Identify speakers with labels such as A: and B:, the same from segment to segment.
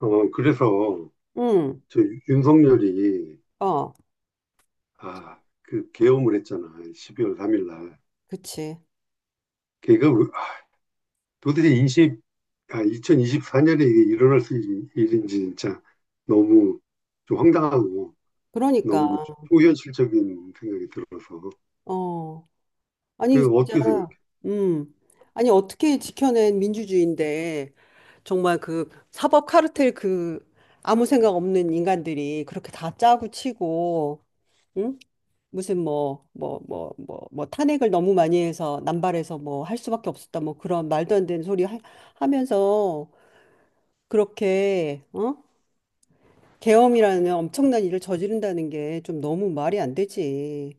A: 어, 그래서
B: 응,
A: 저 윤석열이
B: 어,
A: 아, 그 계엄을 했잖아. 12월 3일 날.
B: 그치.
A: 걔가 도대체 20, 2이십4년에 이게 일어날 수 있는 일인지 진짜 너무 좀 황당하고
B: 그러니까,
A: 너무 초현실적인 생각이 들어서.
B: 어. 아니,
A: 그
B: 진짜,
A: 어떻게 생각해?
B: 음. 아니, 어떻게 지켜낸 민주주의인데, 정말 그 사법 카르텔 그 아무 생각 없는 인간들이 그렇게 다 짜고 치고, 응? 무슨 뭐 탄핵을 너무 많이 해서 남발해서 뭐 할 수밖에 없었다. 뭐 그런 말도 안 되는 소리 하면서 그렇게, 어? 계엄이라는 엄청난 일을 저지른다는 게 좀 너무 말이 안 되지.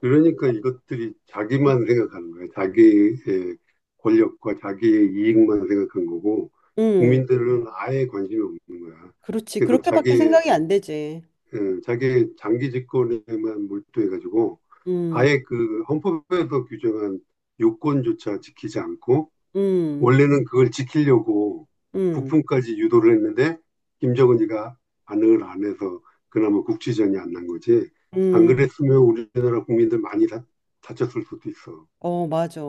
A: 그러니까 이것들이 자기만 생각하는 거야. 자기의 권력과 자기의 이익만 생각한 거고
B: 음.
A: 국민들은 아예 관심이 없는 거야.
B: 그렇지.
A: 그래서
B: 그렇게밖에
A: 자기의
B: 생각이 안 되지.
A: 예, 자기 장기 집권에만 몰두해가지고
B: 음,
A: 아예 그 헌법에서 규정한 요건조차 지키지 않고
B: 음,
A: 원래는 그걸 지키려고
B: 음,
A: 북풍까지 유도를 했는데 김정은이가 안을 안 해서 그나마 국지전이 안 난 거지. 안
B: 음.
A: 그랬으면 우리나라 국민들 많이 다쳤을 수도 있어.
B: 어, 맞아.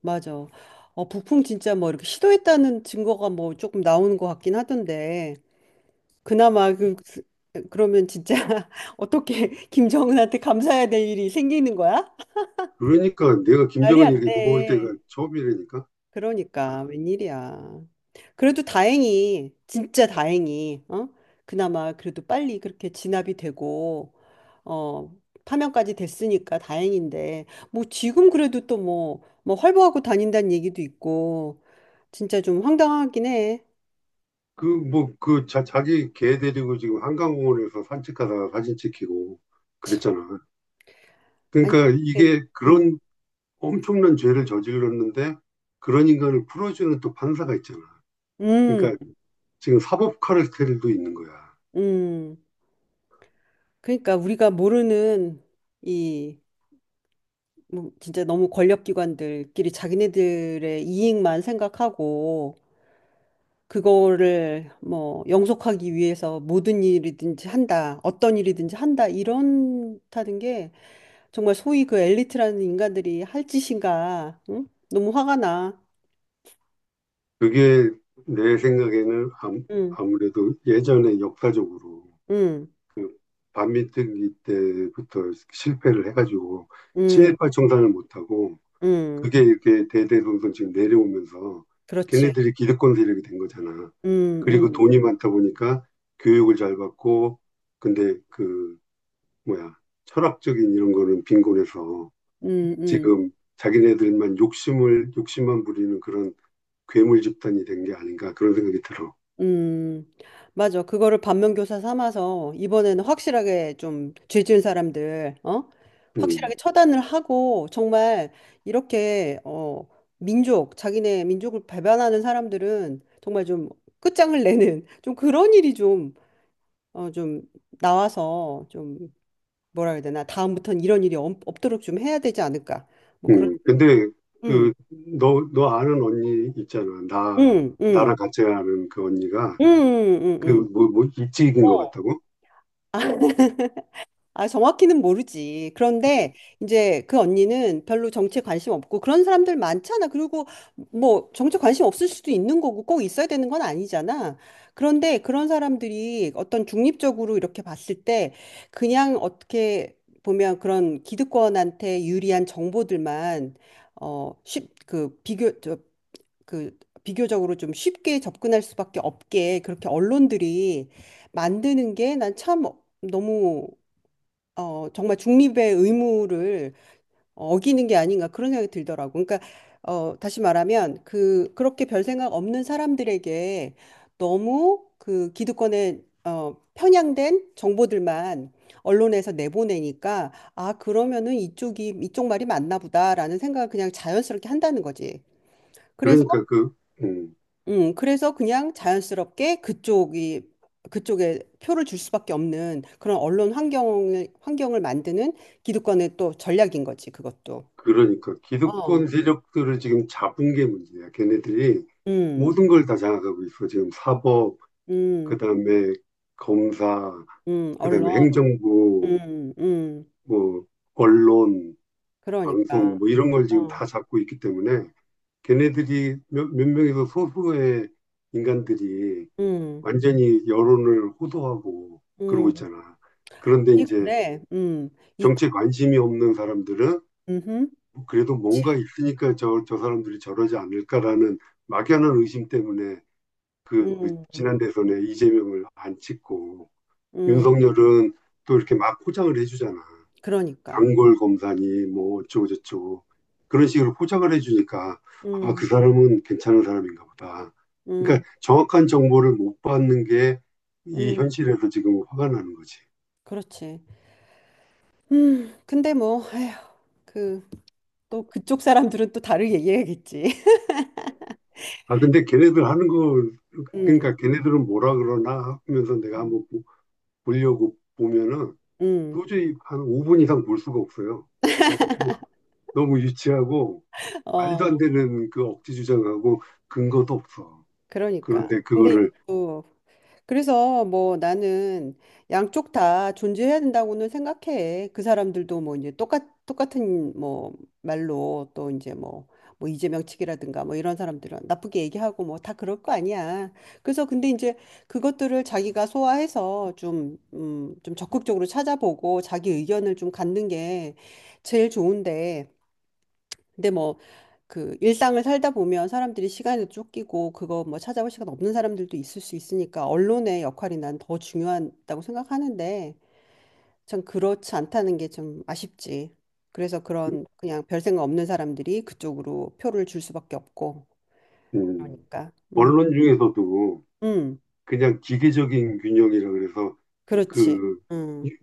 B: 맞아. 어, 북풍 진짜 뭐 이렇게 시도했다는 증거가 뭐 조금 나오는 것 같긴 하던데. 그나마 그러면 진짜 어떻게 김정은한테 감사해야 될 일이 생기는 거야?
A: 그러니까 내가
B: 말이
A: 김정은이
B: 안
A: 이렇게 고마울
B: 돼.
A: 때가 처음이라니까.
B: 그러니까
A: 아,
B: 웬일이야. 그래도 다행히 진짜 다행히 어? 그나마 그래도 빨리 그렇게 진압이 되고 어 파면까지 됐으니까 다행인데 뭐 지금 그래도 또 뭐 활보하고 다닌다는 얘기도 있고 진짜 좀 황당하긴 해.
A: 뭐, 자기 개 데리고 지금 한강공원에서 산책하다가 사진 찍히고 그랬잖아.
B: 아니
A: 그러니까
B: 어떻게
A: 이게
B: 음,
A: 그런 엄청난 죄를 저질렀는데 그런 인간을 풀어주는 또 판사가 있잖아.
B: 음,
A: 그러니까 지금 사법 카르텔도 있는 거야.
B: 음. 그러니까 우리가 모르는 이 뭐 진짜 너무 권력기관들끼리 자기네들의 이익만 생각하고 그거를 뭐 영속하기 위해서 모든 일이든지 한다, 어떤 일이든지 한다, 이런다는 게 정말 소위 그 엘리트라는 인간들이 할 짓인가, 응? 너무 화가 나.
A: 그게 내 생각에는
B: 응,
A: 아무래도 예전에 역사적으로
B: 응,
A: 그 반민특위 때부터 실패를 해가지고
B: 응,
A: 친일파 청산을 못하고
B: 응.
A: 그게 이렇게 대대손손 지금 내려오면서
B: 그렇지.
A: 걔네들이 기득권 세력이 된 거잖아.
B: 응,
A: 그리고
B: 응,
A: 돈이 많다 보니까 교육을 잘 받고 근데 그 뭐야, 철학적인 이런 거는 빈곤해서
B: 응.
A: 지금 자기네들만 욕심만 부리는 그런 괴물 집단이 된 게 아닌가 그런 생각이 들어.
B: 음, 맞아. 그거를 반면교사 삼아서 이번에는 확실하게 좀 죄지은 사람들, 어? 확실하게
A: 음,
B: 처단을 하고 정말 이렇게 어, 민족, 자기네 민족을 배반하는 사람들은 정말 좀 끝장을 내는 좀 그런 일이 좀, 어, 좀 나와서 좀 뭐라 해야 되나? 다음부터는 이런 일이 없도록 좀 해야 되지 않을까? 뭐 그런,
A: 근데
B: 음,
A: 그, 너 아는 언니 있잖아. 나,
B: 음, 음,
A: 나랑 같이 아는 그 언니가
B: 음.
A: 그, 뭐, 뭐, 입직인 것
B: 어.
A: 같다고?
B: 아, 정확히는 모르지. 그런데 이제 그 언니는 별로 정치에 관심 없고 그런 사람들 많잖아. 그리고 뭐 정치에 관심 없을 수도 있는 거고 꼭 있어야 되는 건 아니잖아. 그런데 그런 사람들이 어떤 중립적으로 이렇게 봤을 때 그냥 어떻게 보면 그런 기득권한테 유리한 정보들만 어, 쉽, 그 비교, 저, 그 비교적으로 좀 쉽게 접근할 수밖에 없게 그렇게 언론들이 만드는 게 난 참 너무 어 정말 '중립의 의무를 어, 어기는 게 아닌가.' 그런 생각이 들더라고. 그러니까 어 다시 말하면 그 그렇게 별 생각 없는 사람들에게 너무 그 기득권에 어 편향된 정보들만 언론에서 내보내니까 '아 그러면은 이쪽이 이쪽 말이 맞나 보다.'라는 생각을 그냥 자연스럽게 한다는 거지. 그래서
A: 그러니까 그, 음,
B: 그래서 그냥 자연스럽게 그쪽이 그쪽에 표를 줄 수밖에 없는 그런 언론 환경을 만드는 기득권의 또 전략인 거지, 그것도.
A: 그러니까
B: 어.
A: 기득권 세력들을 지금 잡은 게 문제야. 걔네들이
B: 음.
A: 모든 걸 다 장악하고 있어. 지금 사법,
B: 음.
A: 그다음에 검사, 그다음에
B: 언론.
A: 행정부,
B: 음. 음.
A: 뭐 언론, 방송
B: 그러니까.
A: 뭐 이런 걸 지금
B: 어.
A: 다 잡고 있기 때문에 걔네들이 몇 명에서 소수의 인간들이
B: 음.
A: 완전히 여론을 호도하고 그러고
B: 음.
A: 있잖아. 그런데
B: 이
A: 이제
B: 근데 이
A: 정치에 관심이 없는 사람들은
B: 음.
A: 뭐 그래도 뭔가
B: 그렇지.
A: 있으니까 저 사람들이 저러지 않을까라는 막연한 의심 때문에 그
B: 음.
A: 지난 대선에 이재명을 안 찍고
B: 음.
A: 윤석열은 또 이렇게 막 포장을 해주잖아.
B: 그러니까.
A: 단골 검사니 뭐 어쩌고 저쩌고 그런 식으로 포장을 해주니까 아,
B: 음.
A: 그 사람은 괜찮은 사람인가 보다.
B: 음.
A: 그러니까 정확한 정보를 못 받는 게 이
B: 음.
A: 현실에서 지금 화가 나는 거지.
B: 그렇지. 음. 근데 뭐 에휴. 그 또 그쪽 사람들은 또 다르게 얘기하겠지.
A: 아, 근데 걔네들 하는 거,
B: 음,
A: 그러니까 걔네들은 뭐라 그러나 하면서 내가
B: 음.
A: 한번 보려고 보면은
B: 음,
A: 도저히 한 5분 이상 볼 수가 없어요. 너무, 너무 유치하고 말도 안
B: 어,
A: 되는 그 억지 주장하고 근거도 없어.
B: 그러니까.
A: 그런데
B: 근데
A: 그거를
B: 또 그래서 뭐 나는 양쪽 다 존재해야 된다고는 생각해. 그 사람들도 뭐 이제 똑같은 뭐 말로 또 이제 뭐 이재명 측이라든가 뭐 이런 사람들은 나쁘게 얘기하고 뭐 다 그럴 거 아니야. 그래서 근데 이제 그것들을 자기가 소화해서 좀, 좀 적극적으로 찾아보고 자기 의견을 좀 갖는 게 제일 좋은데. 근데 뭐 그 일상을 살다 보면 사람들이 시간에 쫓기고 그거 뭐 찾아볼 시간 없는 사람들도 있을 수 있으니까 언론의 역할이 난 더 중요하다고 생각하는데 참 그렇지 않다는 게 좀 아쉽지. 그래서 그런 그냥 별 생각 없는 사람들이 그쪽으로 표를 줄 수밖에 없고
A: 음,
B: 그러니까 음,
A: 언론 중에서도
B: 음,
A: 그냥 기계적인 균형이라 그래서
B: 그렇지,
A: 그
B: 음,
A: 이-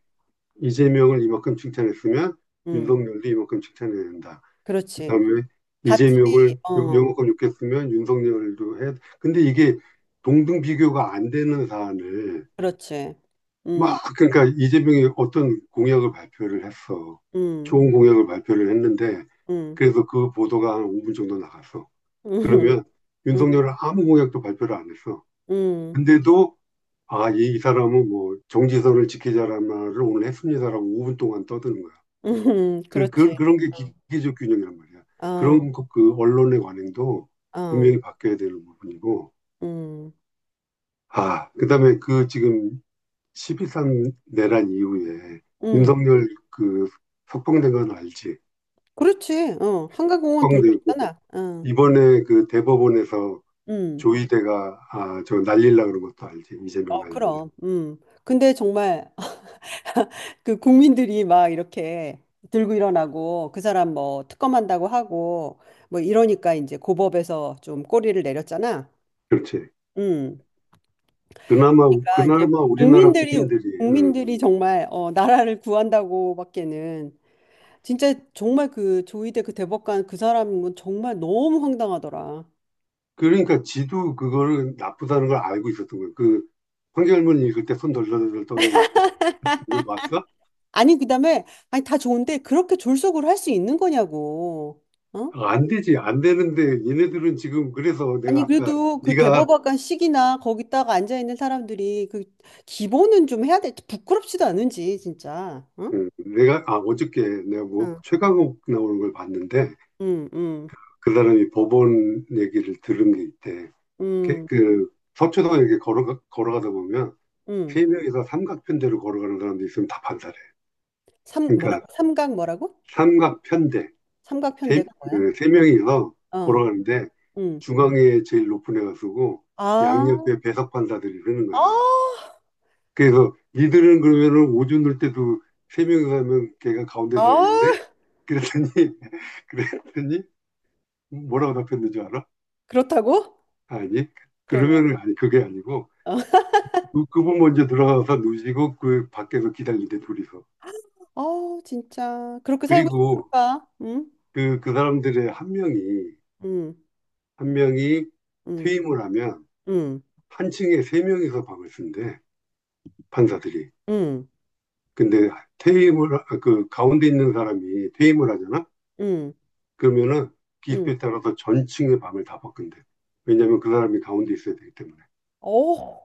A: 이재명을 이만큼 칭찬했으면
B: 음,
A: 윤석열도 이만큼 칭찬해야 된다.
B: 그렇지,
A: 그다음에
B: 같이,
A: 이재명을 요-
B: 어,
A: 요만큼 욕했으면 윤석열도 해. 근데 이게 동등 비교가 안 되는 사안을
B: 그렇지,
A: 막
B: 음,
A: 그러니까 이재명이 어떤 공약을 발표를 했어.
B: 음,
A: 좋은 공약을 발표를 했는데
B: 음,
A: 그래서 그 보도가 한 5분 정도 나갔어. 그러면
B: 음,
A: 윤석열은 아무 공약도 발표를 안 했어.
B: 음, 음,
A: 근데도 아, 사람은 뭐 정지선을 지키자라는 말을 오늘 했습니다라고 5분 동안 떠드는 거야.
B: 음,
A: 그, 그,
B: 그렇지.
A: 그런 게 기계적 균형이란 말이야.
B: 어.
A: 그 언론의 관행도
B: 어,
A: 분명히 바뀌어야 되는 부분이고.
B: 음,
A: 아, 그다음에 그 지금 12.3 내란 이후에
B: 음,
A: 윤석열 그 석방된 건 알지?
B: 그렇지. 어, 한강공원 돌고
A: 석방되고
B: 있잖아. 어,
A: 이번에 그 대법원에서
B: 음,
A: 조희대가 아, 저 날릴라 그런 것도 알지? 이재명
B: 어,
A: 날린다.
B: 그럼, 근데 정말 그 국민들이 막 이렇게 들고 일어나고 그 사람 뭐 특검한다고 하고 뭐 이러니까 이제 고법에서 좀 꼬리를 내렸잖아.
A: 그렇지.
B: 음,
A: 그나마,
B: 그러니까 이제
A: 그나마 우리나라
B: 국민들이
A: 국민들이,
B: 국민들이
A: 음.
B: 정말 어, 나라를 구한다고밖에는 진짜 정말 그 조희대 그 대법관 그 사람은 정말 너무 황당하더라.
A: 그러니까 지도 그걸 나쁘다는 걸 알고 있었던 거예요. 황절문 읽을 때 손 덜덜덜 떠는 거 이거 봤어?
B: 아니, 그다음에, 아니, 다 좋은데, 그렇게 졸속으로 할 수 있는 거냐고. 어?
A: 아, 안 되지, 안 되는데, 얘네들은 지금, 그래서 내가
B: 아니,
A: 아까,
B: 그래도 그
A: 네가,
B: 대법관식이나 거기다가 앉아있는 사람들이 그 기본은 좀 해야 돼. 부끄럽지도 않은지, 진짜. 응?
A: 어저께 내가 뭐,
B: 응,
A: 최강욱 나오는 걸 봤는데,
B: 응, 응,
A: 그 사람이 법원 얘기를 들은 게 있대.
B: 응.
A: 그 서초동 이렇게 걸어가다 보면,
B: 응.
A: 세 명이서 삼각편대로 걸어가는 사람도 있으면 다 판사래.
B: 삼,
A: 그러니까,
B: 뭐라고? 삼각 뭐라고?
A: 삼각편대. 세,
B: 삼각편대가 뭐야?
A: 그, 세 명이서
B: 어,
A: 걸어가는데
B: 응.
A: 중앙에 제일 높은 애가 쓰고
B: 아,
A: 양옆에 배석 판사들이 쓰는 거야.
B: 아,
A: 그래서 니들은 그러면은 오줌 을 때도 세 명이서 하면 걔가 가운데 서야겠네?
B: 아,
A: 그랬더니 그랬더니 뭐라고 답했는지 알아?
B: 그렇다고?
A: 아니
B: 그러면.
A: 그러면은 아니 그게 아니고
B: 어.
A: 그분 먼저 들어가서 누시고 그 밖에서 기다리는데 둘이서
B: 아, 진짜. 그렇게 살고
A: 그리고
B: 싶을까? 응?
A: 그 사람들의 한 명이
B: 응,
A: 한 명이
B: 응,
A: 퇴임을 하면
B: 응,
A: 한 층에 세 명이서 방을 쓴대. 판사들이.
B: 응.
A: 근데 퇴임을, 그 가운데 있는 사람이 퇴임을 하잖아?
B: 응,
A: 그러면은
B: 응,
A: 기습에 따라서 전층의 밤을 다 바꾼대. 왜냐면 그 사람이 가운데 있어야 되기 때문에.
B: 어,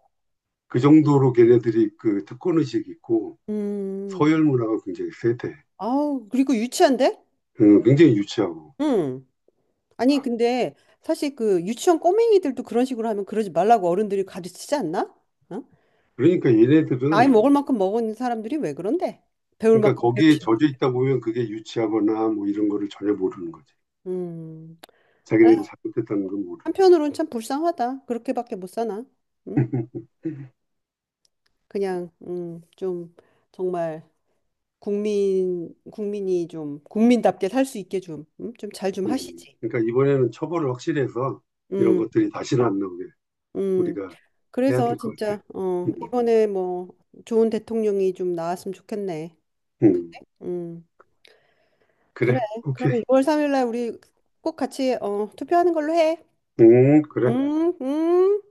A: 그 정도로 걔네들이 그 특권의식이 있고
B: 음,
A: 서열 문화가 굉장히 세대.
B: 아우, 그리고 유치한데?
A: 굉장히 유치하고.
B: 응. 아니,
A: 아,
B: 근데 사실 그 유치원 꼬맹이들도 그런 식으로 하면 그러지 말라고 어른들이 가르치지 않나? 어?
A: 그러니까
B: 나이
A: 얘네들은,
B: 먹을 만큼 먹은 사람들이 왜 그런데? 배울
A: 그러니까
B: 만큼
A: 거기에
B: 배우시
A: 젖어 있다 보면 그게 유치하거나 뭐 이런 거를 전혀 모르는 거지.
B: 음, 아
A: 자기네들 잘못했다는 걸 모르는.
B: 한편으로는 참 불쌍하다. 그렇게밖에 못 사나? 응? 그냥 좀 정말 국민이 좀 국민답게 살 수 있게 좀, 좀잘 좀 하시지.
A: 그러니까 이번에는 처벌을 확실히 해서 이런
B: 음,
A: 것들이 다시는 안 나오게.
B: 음.
A: 우리가 해야
B: 그래서
A: 될 것 같아.
B: 진짜 어
A: 음,
B: 이번에 뭐 좋은 대통령이 좀 나왔으면 좋겠네.
A: 음.
B: 음 그래.
A: 그래, 오케이.
B: 그러면 6월 3일 날 우리 꼭 같이 어 투표하는 걸로 해. 음
A: 그래.
B: 음.